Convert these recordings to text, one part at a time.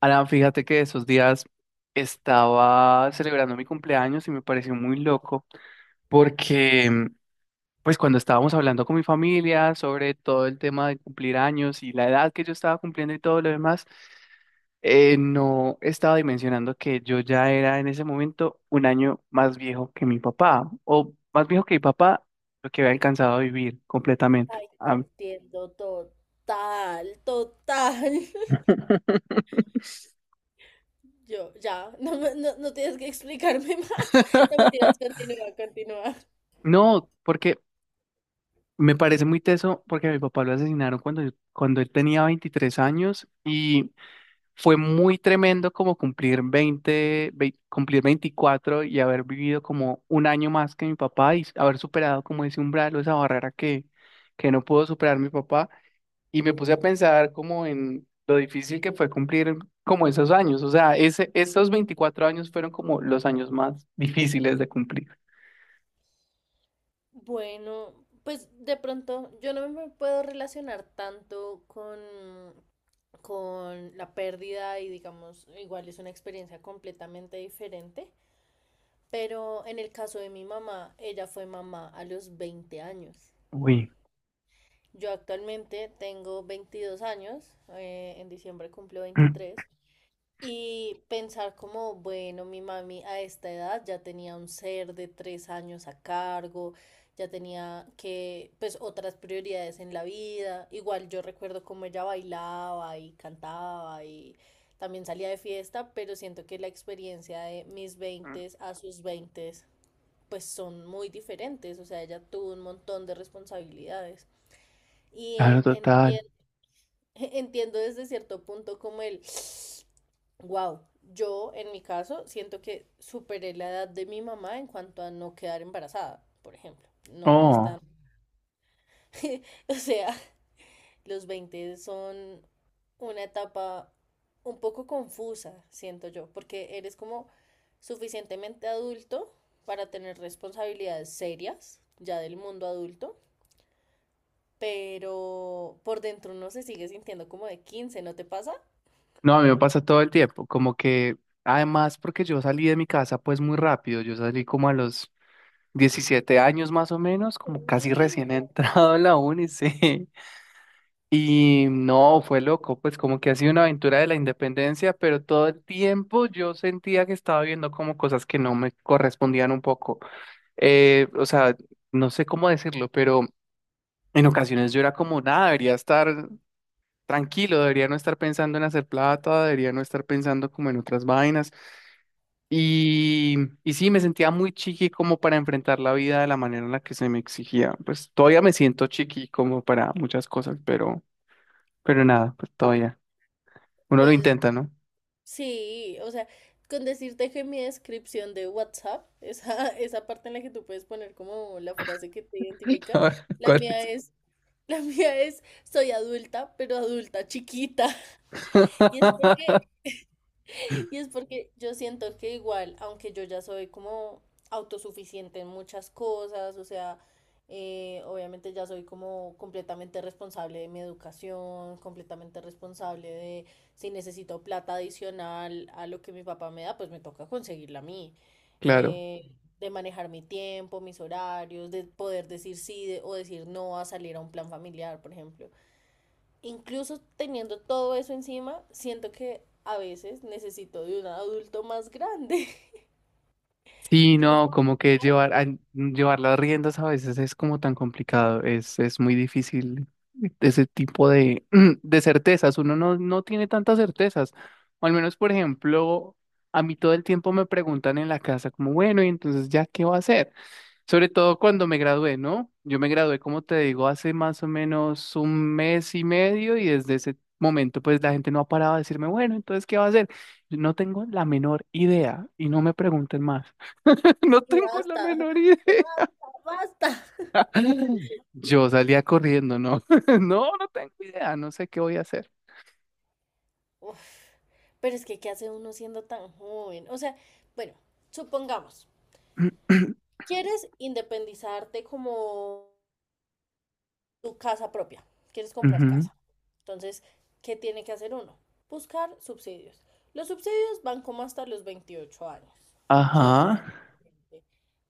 Alan, fíjate que esos días estaba celebrando mi cumpleaños y me pareció muy loco porque pues cuando estábamos hablando con mi familia sobre todo el tema de cumplir años y la edad que yo estaba cumpliendo y todo lo demás, no estaba dimensionando que yo ya era en ese momento un año más viejo que mi papá, o más viejo que mi papá, lo que había alcanzado a vivir completamente. Ay, te entiendo total, total. Yo, ya, no, no, no tienes que explicarme más. No me tiras, continúa, continúa. No, porque me parece muy teso porque a mi papá lo asesinaron cuando, cuando él tenía 23 años y fue muy tremendo como cumplir 20, cumplir 24 y haber vivido como un año más que mi papá y haber superado como ese umbral o esa barrera que no pudo superar mi papá y me puse a Ujú. pensar como en lo difícil que fue cumplir como esos años. O sea, esos 24 años fueron como los años más difíciles de cumplir. Bueno, pues de pronto yo no me puedo relacionar tanto con la pérdida y digamos, igual es una experiencia completamente diferente, pero en el caso de mi mamá, ella fue mamá a los 20 años. Uy. Yo actualmente tengo 22 años, en diciembre cumplo 23 y pensar como, bueno, mi mami a esta edad ya tenía un ser de tres años a cargo, ya tenía que, pues, otras prioridades en la vida. Igual yo recuerdo cómo ella bailaba y cantaba y también salía de fiesta, pero siento que la experiencia de mis veintes a sus veintes pues son muy diferentes, o sea, ella tuvo un montón de responsabilidades. Y Claro, total. Entiendo desde cierto punto como wow, yo en mi caso siento que superé la edad de mi mamá en cuanto a no quedar embarazada, por ejemplo. No es Oh. tan... O sea, los 20 son una etapa un poco confusa, siento yo, porque eres como suficientemente adulto para tener responsabilidades serias ya del mundo adulto, pero por dentro uno se sigue sintiendo como de quince. ¿No te pasa? No, a mí me pasa todo el tiempo, como que además porque yo salí de mi casa pues muy rápido, yo salí como a los 17 años más o menos, Un como casi recién niño. entrado en la uni, sí. Y no, fue loco, pues como que ha sido una aventura de la independencia, pero todo el tiempo yo sentía que estaba viendo como cosas que no me correspondían un poco. O sea, no sé cómo decirlo, pero en ocasiones yo era como, nada, debería estar tranquilo, debería no estar pensando en hacer plata, debería no estar pensando como en otras vainas. Y, y sí, me sentía muy chiqui como para enfrentar la vida de la manera en la que se me exigía. Pues todavía me siento chiqui como para muchas cosas, pero nada, pues todavía. Uno lo Pues intenta, ¿no? sí, o sea, con decirte que mi descripción de WhatsApp, esa, esa parte en la que tú puedes poner como la frase que te A identifica, ver, la ¿cuál mía es? es, la mía es, soy adulta, pero adulta chiquita. Y es porque y es porque yo siento que igual, aunque yo ya soy como autosuficiente en muchas cosas, o sea, obviamente ya soy como completamente responsable de mi educación, completamente responsable de si necesito plata adicional a lo que mi papá me da, pues me toca conseguirla a mí. Claro. Eh, de manejar mi tiempo, mis horarios, de poder decir sí o decir no a salir a un plan familiar, por ejemplo, incluso teniendo todo eso encima, siento que a veces necesito de un adulto más grande, Sí, que yo no no, puedo como que aguantar llevar las riendas a veces es como tan complicado, es muy difícil ese tipo de, de certezas, uno no, no tiene tantas certezas, o al menos, por ejemplo, a mí todo el tiempo me preguntan en la casa como, bueno, y entonces ya, ¿qué va a hacer? Sobre todo cuando me gradué, ¿no? Yo me gradué, como te digo, hace más o menos un mes y medio y desde ese momento pues la gente no ha parado de decirme, bueno, entonces, ¿qué va a hacer? No tengo la menor idea y no me pregunten más. No y tengo la basta, menor idea. ya basta. Yo salía corriendo, ¿no? No, no tengo idea, no sé qué voy a hacer. Uf, pero es que, ¿qué hace uno siendo tan joven? O sea, bueno, supongamos, quieres independizarte como tu casa propia, quieres comprar Ujú. casa. Entonces, ¿qué tiene que hacer uno? Buscar subsidios. Los subsidios van como hasta los 28 años, Ajá, ¿cierto?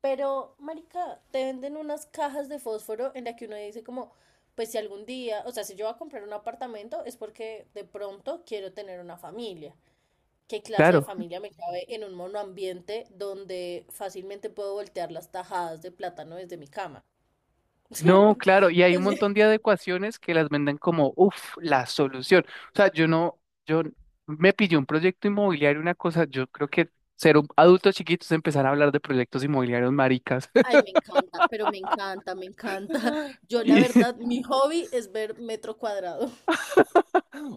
Pero, marica, te venden unas cajas de fósforo en la que uno dice como, pues si algún día, o sea, si yo voy a comprar un apartamento es porque de pronto quiero tener una familia. ¿Qué clase de claro. familia me cabe en un monoambiente donde fácilmente puedo voltear las tajadas de plátano desde mi cama? No, claro, y O hay un sea, montón de adecuaciones que las venden como, uff, la solución. O sea, yo no, yo me pillé un proyecto inmobiliario, una cosa, yo creo que ser un adulto chiquito es empezar a hablar de proyectos inmobiliarios maricas. ay, me encanta, pero me encanta, me encanta. Yo la Y verdad, mi hobby es ver metro cuadrado.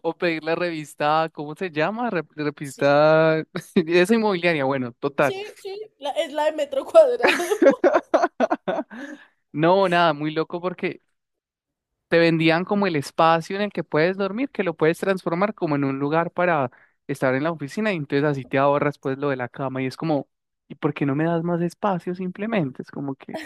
o pedir la revista, ¿cómo se llama? Sí, Revista esa inmobiliaria, bueno, total. sí, sí, es la de metro cuadrado. No, nada, muy loco porque te vendían como el espacio en el que puedes dormir, que lo puedes transformar como en un lugar para estar en la oficina y entonces así te ahorras pues lo de la cama y es como, ¿y por qué no me das más espacio simplemente? Es como que…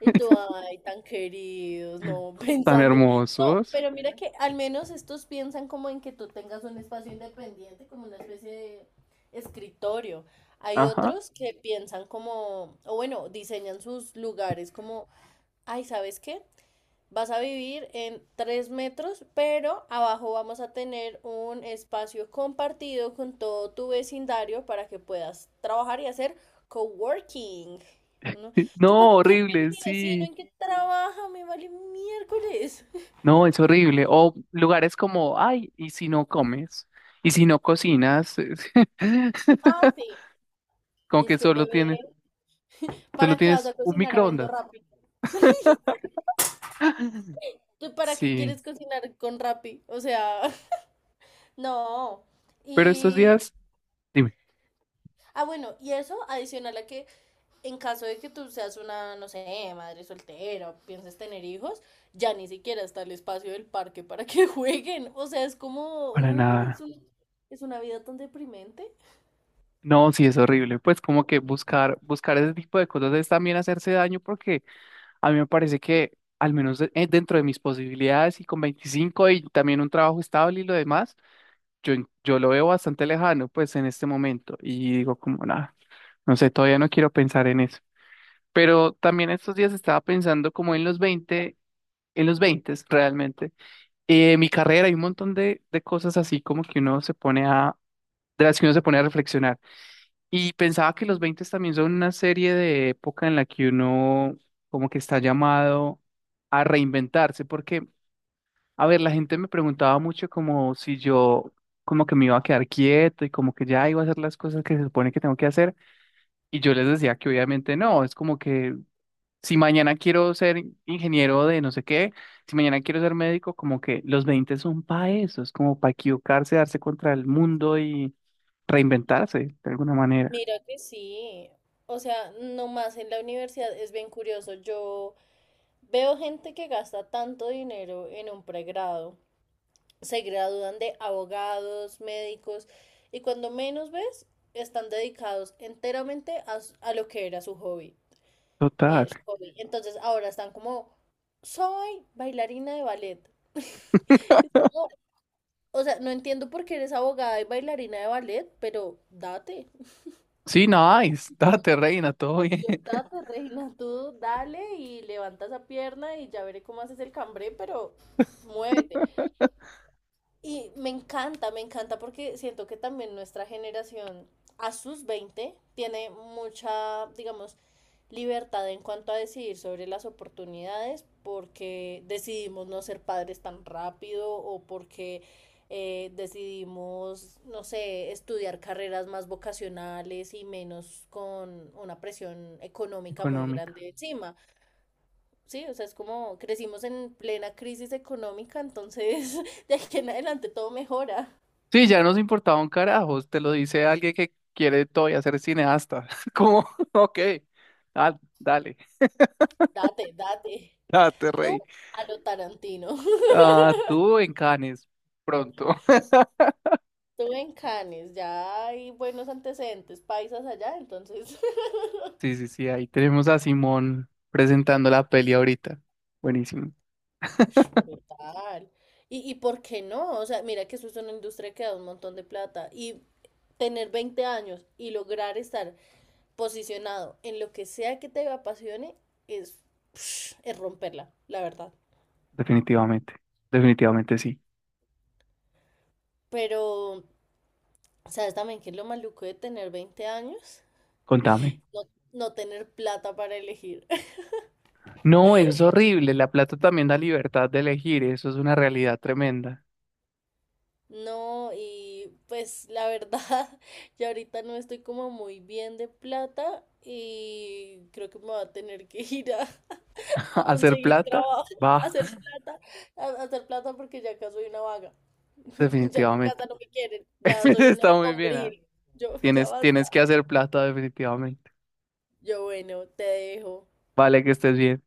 Y tú, ay, tan queridos, no, Tan pensando. No, hermosos. pero mira que al menos estos piensan como en que tú tengas un espacio independiente, como una especie de escritorio. Hay Ajá. otros que piensan como, o bueno, diseñan sus lugares como, ay, ¿sabes qué? Vas a vivir en 3 metros, pero abajo vamos a tener un espacio compartido con todo tu vecindario para que puedas trabajar y hacer coworking. ¿No? Sí. Yo para No, qué quiero ver a horrible, mi vecino sí. en qué trabaja, me vale miércoles. No, es horrible. O lugares como, ay, ¿y si no comes? ¿Y si no cocinas? Ah, sí. Como Dice que que bebé, solo ¿para qué vas tienes a un cocinar habiendo microondas. Rappi? ¿Tú para qué Sí, quieres cocinar con Rappi? O sea, no. pero estos Y, días… Dime. ah, bueno, y eso adicional a que en caso de que tú seas una, no sé, madre soltera o pienses tener hijos, ya ni siquiera está el espacio del parque para que jueguen. O sea, es como, Para no, nada. Es una vida tan deprimente. No, sí es horrible. Pues como que buscar, buscar ese tipo de cosas es también hacerse daño porque a mí me parece que al menos dentro de mis posibilidades y con 25 y también un trabajo estable y lo demás, yo lo veo bastante lejano pues en este momento y digo como nada, no sé, todavía no quiero pensar en eso. Pero también estos días estaba pensando como en los veinte, en los 20 realmente. Mi carrera hay un montón de cosas así como que uno se pone a, de las que uno se pone a reflexionar. Y pensaba que los 20 también son una serie de época en la que uno como que está llamado a reinventarse, porque, a ver, la gente me preguntaba mucho como si yo como que me iba a quedar quieto y como que ya iba a hacer las cosas que se supone que tengo que hacer, y yo les decía que obviamente no, es como que si mañana quiero ser ingeniero de no sé qué, si mañana quiero ser médico, como que los 20 son para eso, es como para equivocarse, darse contra el mundo y reinventarse de alguna manera. Mira que sí. O sea, nomás en la universidad es bien curioso. Yo veo gente que gasta tanto dinero en un pregrado. Se gradúan de abogados, médicos, y cuando menos ves, están dedicados enteramente a lo que era su hobby. Total. Es hobby. Entonces ahora están como, soy bailarina de ballet. No, o sea, no entiendo por qué eres abogada y bailarina de ballet, pero date. Sí, nice. Date, reina, todo bien. Yo, date, reina, tú dale y levanta esa pierna y ya veré cómo haces el cambré, pero muévete. Y me encanta porque siento que también nuestra generación a sus 20 tiene mucha, digamos, libertad en cuanto a decidir sobre las oportunidades porque decidimos no ser padres tan rápido o porque decidimos, no sé, estudiar carreras más vocacionales y menos con una presión económica muy Económica. grande encima. Sí, o sea, es como crecimos en plena crisis económica, entonces de aquí en adelante todo mejora. Sí, ya nos importaba un carajo. Te lo dice alguien que quiere todavía ser cineasta. Como, ok, dale, dale, Date, date. date, Tú rey. a lo Tarantino. Ah, tú en Cannes, pronto. Tú en Cannes, ya hay buenos antecedentes paisas allá, entonces. Sí, sí, sí, ahí tenemos a Simón presentando la peli ahorita. Buenísimo. Sh, brutal. Y, ¿y por qué no? O sea, mira que eso es una industria que da un montón de plata. Y tener 20 años y lograr estar posicionado en lo que sea que te apasione es, es romperla, la verdad. Definitivamente, definitivamente sí. Pero ¿sabes también que es lo maluco de tener 20 años? Contame. No, no tener plata para elegir. No, eso es horrible. La plata también da libertad de elegir. Eso es una realidad tremenda. No, y pues la verdad, yo ahorita no estoy como muy bien de plata y creo que me va a tener que ir a Hacer conseguir plata, trabajo, a va, hacer plata, a hacer plata porque ya acá soy una vaga. Ya en mi casa definitivamente. no me quieren, ya soy una Está muy bien, ah. hombril. Yo, ya Tienes, tienes que basta. hacer plata definitivamente. Yo, bueno, te dejo. Vale, que estés bien.